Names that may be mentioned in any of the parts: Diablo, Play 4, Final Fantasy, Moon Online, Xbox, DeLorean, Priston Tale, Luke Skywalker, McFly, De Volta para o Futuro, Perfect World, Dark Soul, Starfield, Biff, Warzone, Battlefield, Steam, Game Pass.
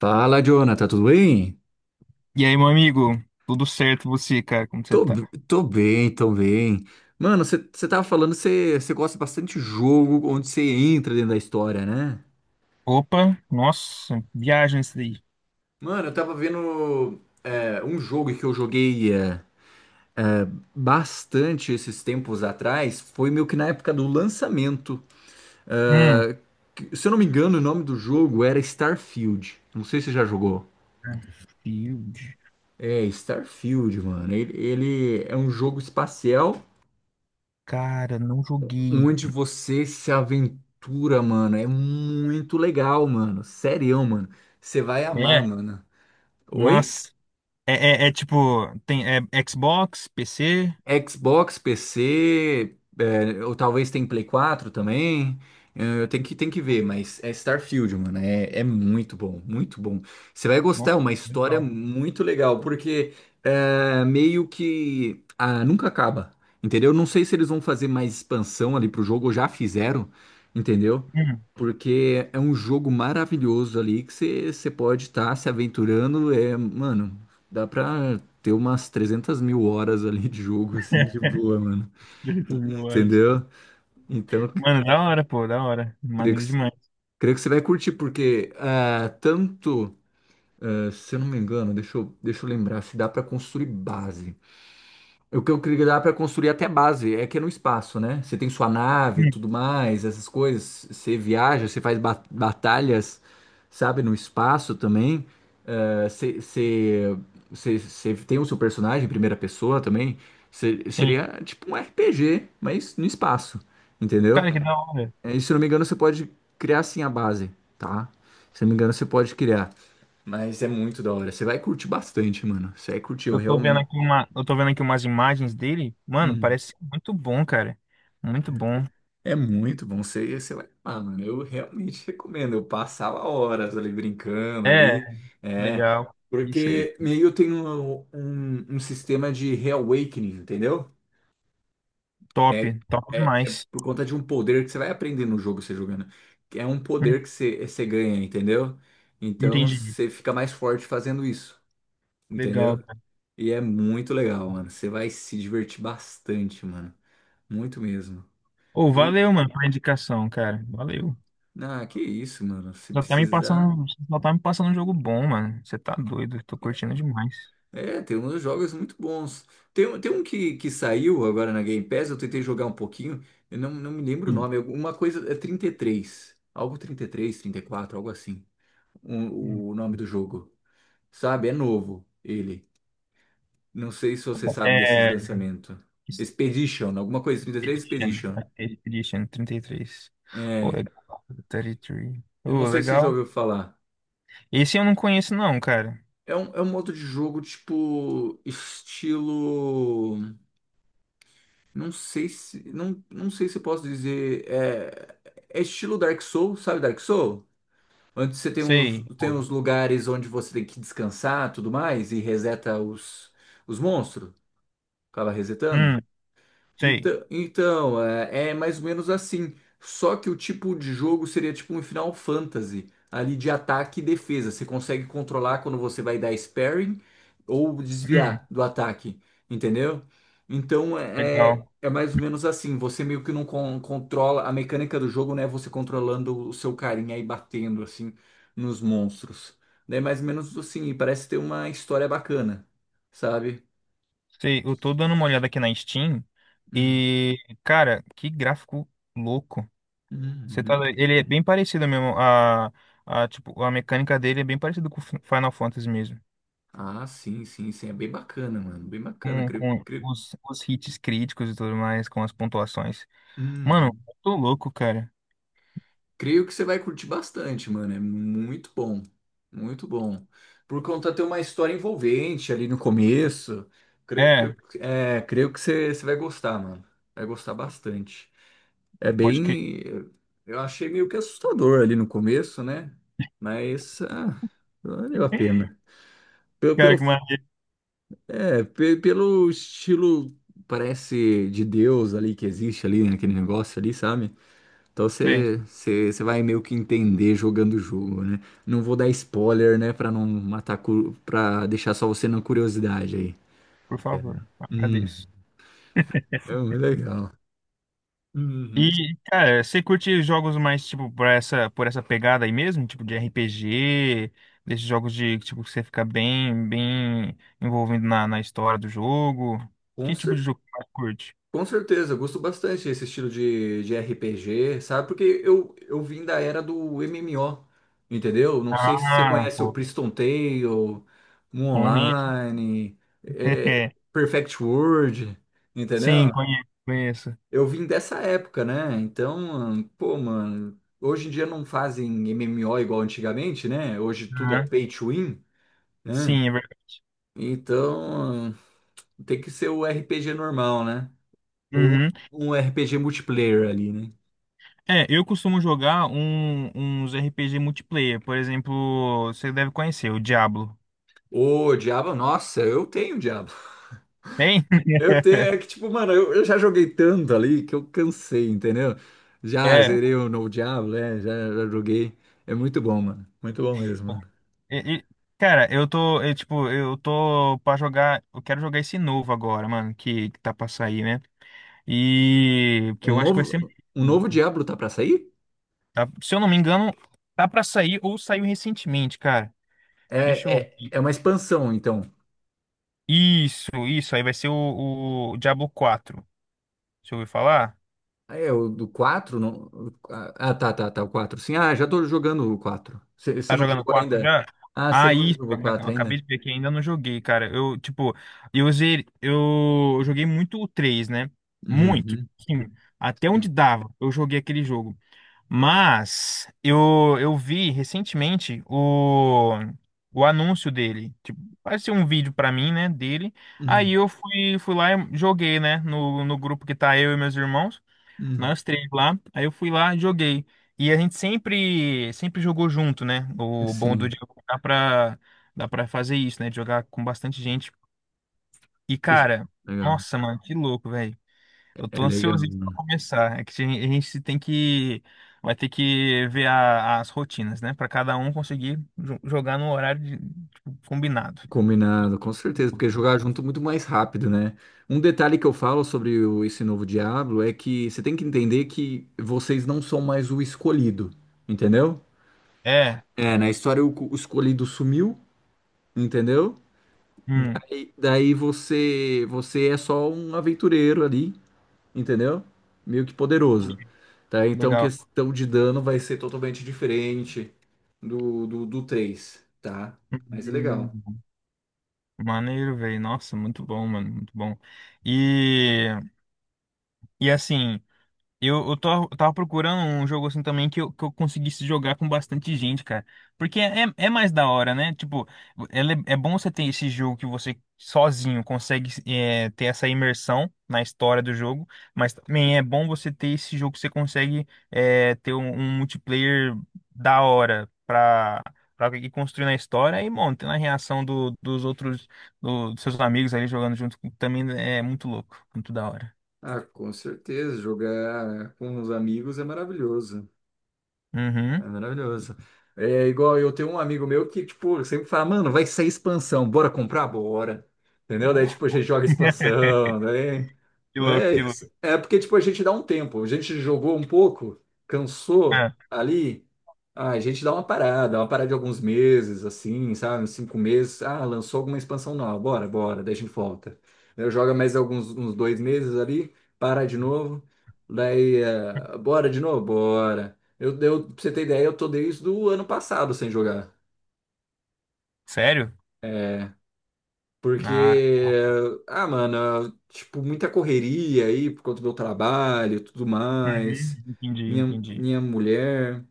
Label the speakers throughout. Speaker 1: Fala, Jonathan, tudo bem?
Speaker 2: E aí, meu amigo? Tudo certo você, cara? Como você tá?
Speaker 1: Tô bem, tô bem. Mano, você tava falando que você gosta bastante de jogo onde você entra dentro da história, né?
Speaker 2: Opa, nossa, viagem isso daí.
Speaker 1: Mano, eu tava vendo um jogo que eu joguei bastante esses tempos atrás. Foi meio que na época do lançamento.
Speaker 2: Hum.
Speaker 1: É, Se eu não me engano, o nome do jogo era Starfield. Não sei se você já jogou.
Speaker 2: Battlefield.
Speaker 1: É, Starfield, mano. Ele é um jogo espacial
Speaker 2: Cara, não joguei.
Speaker 1: onde você se aventura, mano. É muito legal, mano. Sério, mano. Você vai amar,
Speaker 2: É,
Speaker 1: mano. Oi?
Speaker 2: nossa. Tipo, tem Xbox, PC.
Speaker 1: Xbox, PC, é, ou talvez tem Play 4 também. É, eu tenho que ver, mas é Starfield, mano. É muito bom, muito bom. Você vai gostar, é
Speaker 2: Nossa,
Speaker 1: uma história
Speaker 2: legal.
Speaker 1: muito legal, porque é, meio que ah, nunca acaba, entendeu? Não sei se eles vão fazer mais expansão ali pro jogo, ou já fizeram, entendeu?
Speaker 2: Hum.
Speaker 1: Porque é um jogo maravilhoso ali que você pode estar se aventurando. É, mano, dá pra ter umas 300 mil horas ali de jogo, assim, de boa, mano.
Speaker 2: Já tô 1.000 horas.
Speaker 1: Entendeu? Então, c-
Speaker 2: Mano, da hora, pô, da hora.
Speaker 1: Creio
Speaker 2: Maneiro demais.
Speaker 1: creio que você vai curtir, porque ah, tanto, ah, se eu não me engano, deixa eu lembrar, se dá pra construir base. O que eu queria dar para construir até base é que é no espaço, né? Você tem sua nave, e
Speaker 2: Hum,
Speaker 1: tudo mais, essas coisas. Você viaja, você faz batalhas, sabe, no espaço também. Você você tem o seu personagem em primeira pessoa também.
Speaker 2: Sim.
Speaker 1: Seria tipo um RPG, mas no espaço, entendeu?
Speaker 2: Cara, que da hora.
Speaker 1: E se não me engano, você pode criar assim a base, tá? Se não me engano, você pode criar. Mas é muito da hora. Você vai curtir bastante, mano. Você vai curtir, eu realmente.
Speaker 2: Eu tô vendo aqui umas imagens dele. Mano,
Speaker 1: Hum.
Speaker 2: parece muito bom, cara. Muito bom.
Speaker 1: É muito bom você, você vai lá, mano. Eu realmente recomendo. Eu passava horas ali brincando
Speaker 2: É,
Speaker 1: ali. É,
Speaker 2: Legal. Isso aí.
Speaker 1: porque meio eu tenho um sistema de reawakening, entendeu?
Speaker 2: Top.
Speaker 1: É,
Speaker 2: Top
Speaker 1: é
Speaker 2: demais.
Speaker 1: por conta de um poder que você vai aprender no jogo você jogando. Que É um
Speaker 2: Hum,
Speaker 1: poder que você ganha, entendeu? Então
Speaker 2: Entendi.
Speaker 1: você fica mais forte fazendo isso,
Speaker 2: Legal,
Speaker 1: entendeu?
Speaker 2: cara.
Speaker 1: E é muito legal, mano. Você vai se divertir bastante, mano. Muito mesmo.
Speaker 2: Ô, valeu, mano, pela indicação, cara. Valeu.
Speaker 1: Ah, que isso, mano. Se
Speaker 2: Só tá me
Speaker 1: precisar.
Speaker 2: passando, só tá me passando um jogo bom, mano. Você tá doido. Tô curtindo demais.
Speaker 1: É, tem uns jogos muito bons. Tem um que saiu agora na Game Pass, eu tentei jogar um pouquinho, eu não, não me lembro o
Speaker 2: Hum,
Speaker 1: nome. Uma coisa é trinta e três. Algo trinta, trinta e três, trinta e quatro, algo assim.
Speaker 2: hum.
Speaker 1: O nome do jogo. Sabe? É novo ele. Não sei se você sabe desses
Speaker 2: É.
Speaker 1: lançamentos. Expedition, alguma coisa. Trinta e três
Speaker 2: Expedition.
Speaker 1: Expedition.
Speaker 2: Expedition 33. Ô,
Speaker 1: É.
Speaker 2: legal. 33.
Speaker 1: eu Não
Speaker 2: Ô,
Speaker 1: sei se você já
Speaker 2: legal.
Speaker 1: ouviu falar.
Speaker 2: Esse eu não conheço, não, cara.
Speaker 1: É um modo de jogo tipo estilo. Não sei se, não, não sei se eu posso dizer. É, é estilo Dark Soul, sabe Dark Soul? Onde você
Speaker 2: Sei.
Speaker 1: tem
Speaker 2: Ô,
Speaker 1: os lugares onde você tem que descansar, tudo mais, e os monstros. Acaba resetando.
Speaker 2: hum, sei.
Speaker 1: Então é, é mais ou menos assim. Só que o tipo de jogo seria tipo um Final Fantasy, ali de ataque e defesa. Você consegue controlar quando você vai dar sparring ou
Speaker 2: Hum,
Speaker 1: desviar do ataque, entendeu? Então é
Speaker 2: Legal.
Speaker 1: é mais ou menos assim. Você meio que não controla a mecânica do jogo, né? é Você controlando o seu carinha e batendo assim nos monstros. É mais ou menos assim. E parece ter uma história bacana, sabe?
Speaker 2: Sei, eu tô dando uma olhada aqui na Steam
Speaker 1: Hum.
Speaker 2: e, cara, que gráfico louco.
Speaker 1: Uhum.
Speaker 2: Ele é bem parecido mesmo, tipo, a mecânica dele é bem parecida com o Final Fantasy mesmo.
Speaker 1: Ah, sim, sim, sim. É bem bacana, mano. Bem bacana.
Speaker 2: Com,
Speaker 1: Creio,
Speaker 2: com
Speaker 1: creio...
Speaker 2: os hits críticos e tudo mais, com as pontuações. Mano,
Speaker 1: Uhum.
Speaker 2: eu tô louco, cara.
Speaker 1: Creio que você vai curtir bastante, mano. É muito bom. Muito bom. Por conta ter uma história envolvente ali no começo. Creio, creio,
Speaker 2: É,
Speaker 1: creio que você vai gostar, mano. Vai gostar bastante. É
Speaker 2: pode crer.
Speaker 1: bem. Eu achei meio que assustador ali no começo, né? Mas ah, valeu a pena. Pelo,
Speaker 2: Cara,
Speaker 1: pelo
Speaker 2: que maravilha.
Speaker 1: É, pelo estilo, parece de Deus ali que existe ali, né, naquele negócio ali, sabe? Então
Speaker 2: Sei,
Speaker 1: você vai meio que entender jogando o jogo, né? Não vou dar spoiler, né, pra não matar, pra deixar só você na curiosidade aí.
Speaker 2: por
Speaker 1: É.
Speaker 2: favor,
Speaker 1: Hum,
Speaker 2: agradeço.
Speaker 1: é muito legal. Uhum.
Speaker 2: E, cara, você curte jogos mais, tipo, por essa pegada aí mesmo? Tipo, de RPG, desses jogos de, tipo, que você fica bem envolvido na história do jogo?
Speaker 1: Com
Speaker 2: Que tipo de
Speaker 1: certeza.
Speaker 2: jogo que você mais curte?
Speaker 1: Com certeza, eu gosto bastante desse estilo de RPG, sabe? Porque eu vim da era do MMO, entendeu? Não sei se você
Speaker 2: Ah,
Speaker 1: conhece o
Speaker 2: pô,
Speaker 1: Priston Tale, Moon
Speaker 2: conheço.
Speaker 1: Online, é, Perfect World,
Speaker 2: Sim,
Speaker 1: entendeu?
Speaker 2: conheço, conheço.
Speaker 1: Eu vim dessa época, né? Então, pô, mano, hoje em dia não fazem MMO igual antigamente, né? Hoje tudo é
Speaker 2: Aham.
Speaker 1: pay to win, né?
Speaker 2: Sim, é verdade.
Speaker 1: Então, tem que ser o RPG normal, né? Ou
Speaker 2: Uhum.
Speaker 1: um RPG multiplayer ali, né?
Speaker 2: Eu costumo jogar uns RPG multiplayer. Por exemplo, você deve conhecer o Diablo.
Speaker 1: Ô, diabo, nossa, eu tenho diabo.
Speaker 2: Tem?
Speaker 1: Eu tenho, é que tipo, mano, eu já joguei tanto ali que eu cansei, entendeu? Já
Speaker 2: É.
Speaker 1: zerei o novo Diablo, né? Já joguei. É muito bom, mano. Muito bom mesmo, mano.
Speaker 2: E, cara, eu tô pra jogar, eu quero jogar esse novo agora, mano, que tá pra sair, né? E que
Speaker 1: Um
Speaker 2: eu acho que vai ser muito
Speaker 1: novo, um novo
Speaker 2: louco.
Speaker 1: Diablo tá pra sair?
Speaker 2: Tá? Se eu não me engano, tá pra sair ou saiu recentemente, cara. Deixa
Speaker 1: É,
Speaker 2: eu ver.
Speaker 1: é uma expansão, então.
Speaker 2: Isso, aí vai ser o Diablo 4. Deixa eu ouvir falar.
Speaker 1: Ah, é, o do quatro, não... tá, o 4. Sim, ah, já tô jogando o 4. Você
Speaker 2: Tá
Speaker 1: não
Speaker 2: jogando
Speaker 1: jogou
Speaker 2: 4
Speaker 1: ainda?
Speaker 2: já?
Speaker 1: Ah, você
Speaker 2: Ah,
Speaker 1: não
Speaker 2: isso,
Speaker 1: jogou
Speaker 2: eu
Speaker 1: o 4 ainda?
Speaker 2: acabei de ver que ainda não joguei, cara. Eu, tipo, eu usei, eu joguei muito o 3, né? Muito,
Speaker 1: Uhum,
Speaker 2: sim. Até onde
Speaker 1: sim.
Speaker 2: dava, eu joguei aquele jogo. Mas eu vi recentemente o anúncio dele. Tipo, apareceu um vídeo pra mim, né, dele. Aí
Speaker 1: Uhum,
Speaker 2: eu fui lá e joguei, né, no grupo que tá eu e meus irmãos.
Speaker 1: uhum,
Speaker 2: Nós três lá. Aí eu fui lá, e joguei. E a gente sempre, sempre jogou junto, né? O bom do
Speaker 1: sim.
Speaker 2: Diego dá pra fazer isso, né? De jogar com bastante gente. E,
Speaker 1: Isso-
Speaker 2: cara,
Speaker 1: Legal.
Speaker 2: nossa, mano, que louco, velho. Eu tô
Speaker 1: É legal.
Speaker 2: ansiosíssimo pra começar. É que a gente tem que. Vai ter que ver as rotinas, né? Pra cada um conseguir jogar no horário tipo, combinado.
Speaker 1: Combinado, com certeza, porque jogar junto é muito mais rápido, né? Um detalhe que eu falo sobre esse novo Diablo é que você tem que entender que vocês não são mais o escolhido, entendeu?
Speaker 2: É.
Speaker 1: É, na história o escolhido sumiu, entendeu?
Speaker 2: Hum,
Speaker 1: E daí você é só um aventureiro ali, entendeu? Meio que poderoso,
Speaker 2: Entendi.
Speaker 1: tá? Então
Speaker 2: Legal.
Speaker 1: questão de dano vai ser totalmente diferente do 3, tá? Mas é legal.
Speaker 2: Hum, Maneiro, velho. Nossa, muito bom, mano. Muito bom. E. E assim, eu tava procurando um jogo assim também que que eu conseguisse jogar com bastante gente, cara. Porque é mais da hora, né? Tipo, ela é bom você ter esse jogo que você sozinho consegue ter essa imersão na história do jogo, mas também é bom você ter esse jogo que você consegue ter um multiplayer da hora pra ir construindo a história e, bom, tendo a reação dos outros, dos seus amigos ali jogando junto também é muito louco, muito da hora.
Speaker 1: Ah, com certeza, jogar com os amigos é maravilhoso.
Speaker 2: Uhum.
Speaker 1: É maravilhoso. É igual eu tenho um amigo meu que, tipo, sempre fala, mano, vai sair expansão, bora comprar? Bora. Entendeu? Daí, tipo, a gente joga expansão, daí.
Speaker 2: Que
Speaker 1: Não
Speaker 2: louco,
Speaker 1: é
Speaker 2: que louco.
Speaker 1: isso. É porque, tipo, a gente dá um tempo. A gente jogou um pouco, cansou
Speaker 2: Ah,
Speaker 1: ali. Ah, a gente dá uma parada de alguns meses, assim, sabe? Uns 5 meses. Ah, lançou alguma expansão nova, bora, bora, daí a gente volta. Eu joga mais alguns uns 2 meses ali, para de novo. Daí, bora de novo? Bora. Pra você ter ideia, eu tô desde o ano passado sem jogar.
Speaker 2: sério?
Speaker 1: É,
Speaker 2: Ah,
Speaker 1: porque,
Speaker 2: tá.
Speaker 1: ah, mano, tipo, muita correria aí por conta do meu trabalho e tudo mais.
Speaker 2: Uhum, entendi, entendi.
Speaker 1: Minha mulher,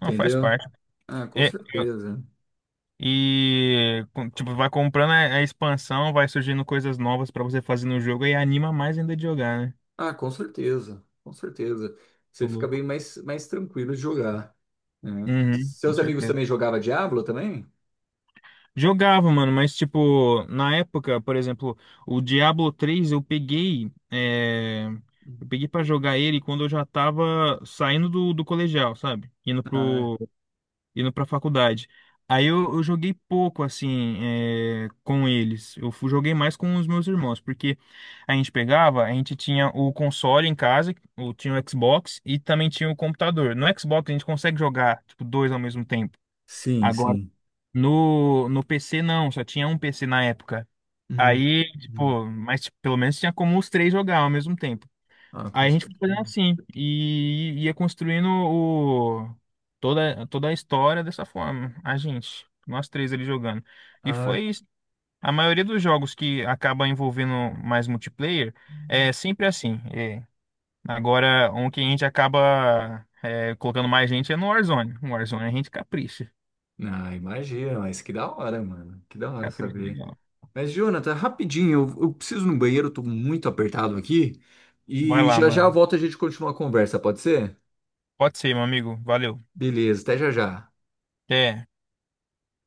Speaker 2: Não, faz parte.
Speaker 1: Ah, com
Speaker 2: E,
Speaker 1: certeza.
Speaker 2: e, tipo, vai comprando a expansão, vai surgindo coisas novas pra você fazer no jogo e anima mais ainda de jogar, né?
Speaker 1: Com certeza.
Speaker 2: Tô
Speaker 1: Você fica bem
Speaker 2: louco.
Speaker 1: mais tranquilo de jogar, né?
Speaker 2: Uhum, com
Speaker 1: Seus amigos
Speaker 2: certeza.
Speaker 1: também jogavam Diablo também?
Speaker 2: Jogava, mano, mas tipo, na época, por exemplo, o Diablo 3 eu peguei pra jogar ele quando eu já tava saindo do colegial, sabe? Indo
Speaker 1: Ah,
Speaker 2: pro, indo para faculdade. Aí eu joguei pouco assim com eles. Eu joguei mais com os meus irmãos, porque a gente tinha o console em casa, o tinha o Xbox e também tinha o computador. No Xbox a gente consegue jogar tipo dois ao mesmo tempo.
Speaker 1: Sim,
Speaker 2: Agora
Speaker 1: sim.
Speaker 2: no PC não, só tinha um PC na época.
Speaker 1: Hum,
Speaker 2: Aí,
Speaker 1: hum.
Speaker 2: tipo, mas tipo, pelo menos tinha como os três jogar ao mesmo tempo.
Speaker 1: Ah, com
Speaker 2: Aí a gente foi fazendo
Speaker 1: certeza.
Speaker 2: assim e ia construindo toda a história dessa forma. A gente, nós três ali jogando. E
Speaker 1: Ah.
Speaker 2: foi isso. A maioria dos jogos que acaba envolvendo mais multiplayer é sempre assim. É. Agora, um que a gente acaba colocando mais gente é no Warzone. No Warzone a gente capricha.
Speaker 1: Ah, imagina, mas que da hora, mano. Que da hora
Speaker 2: Capricha
Speaker 1: saber.
Speaker 2: legal.
Speaker 1: Mas, Jonathan, é rapidinho, eu preciso ir no banheiro, eu tô muito apertado aqui.
Speaker 2: Vai
Speaker 1: E
Speaker 2: lá,
Speaker 1: já já
Speaker 2: mano.
Speaker 1: volta a gente continuar a conversa, pode ser?
Speaker 2: Pode ser, meu amigo. Valeu.
Speaker 1: Beleza, até já já.
Speaker 2: Até.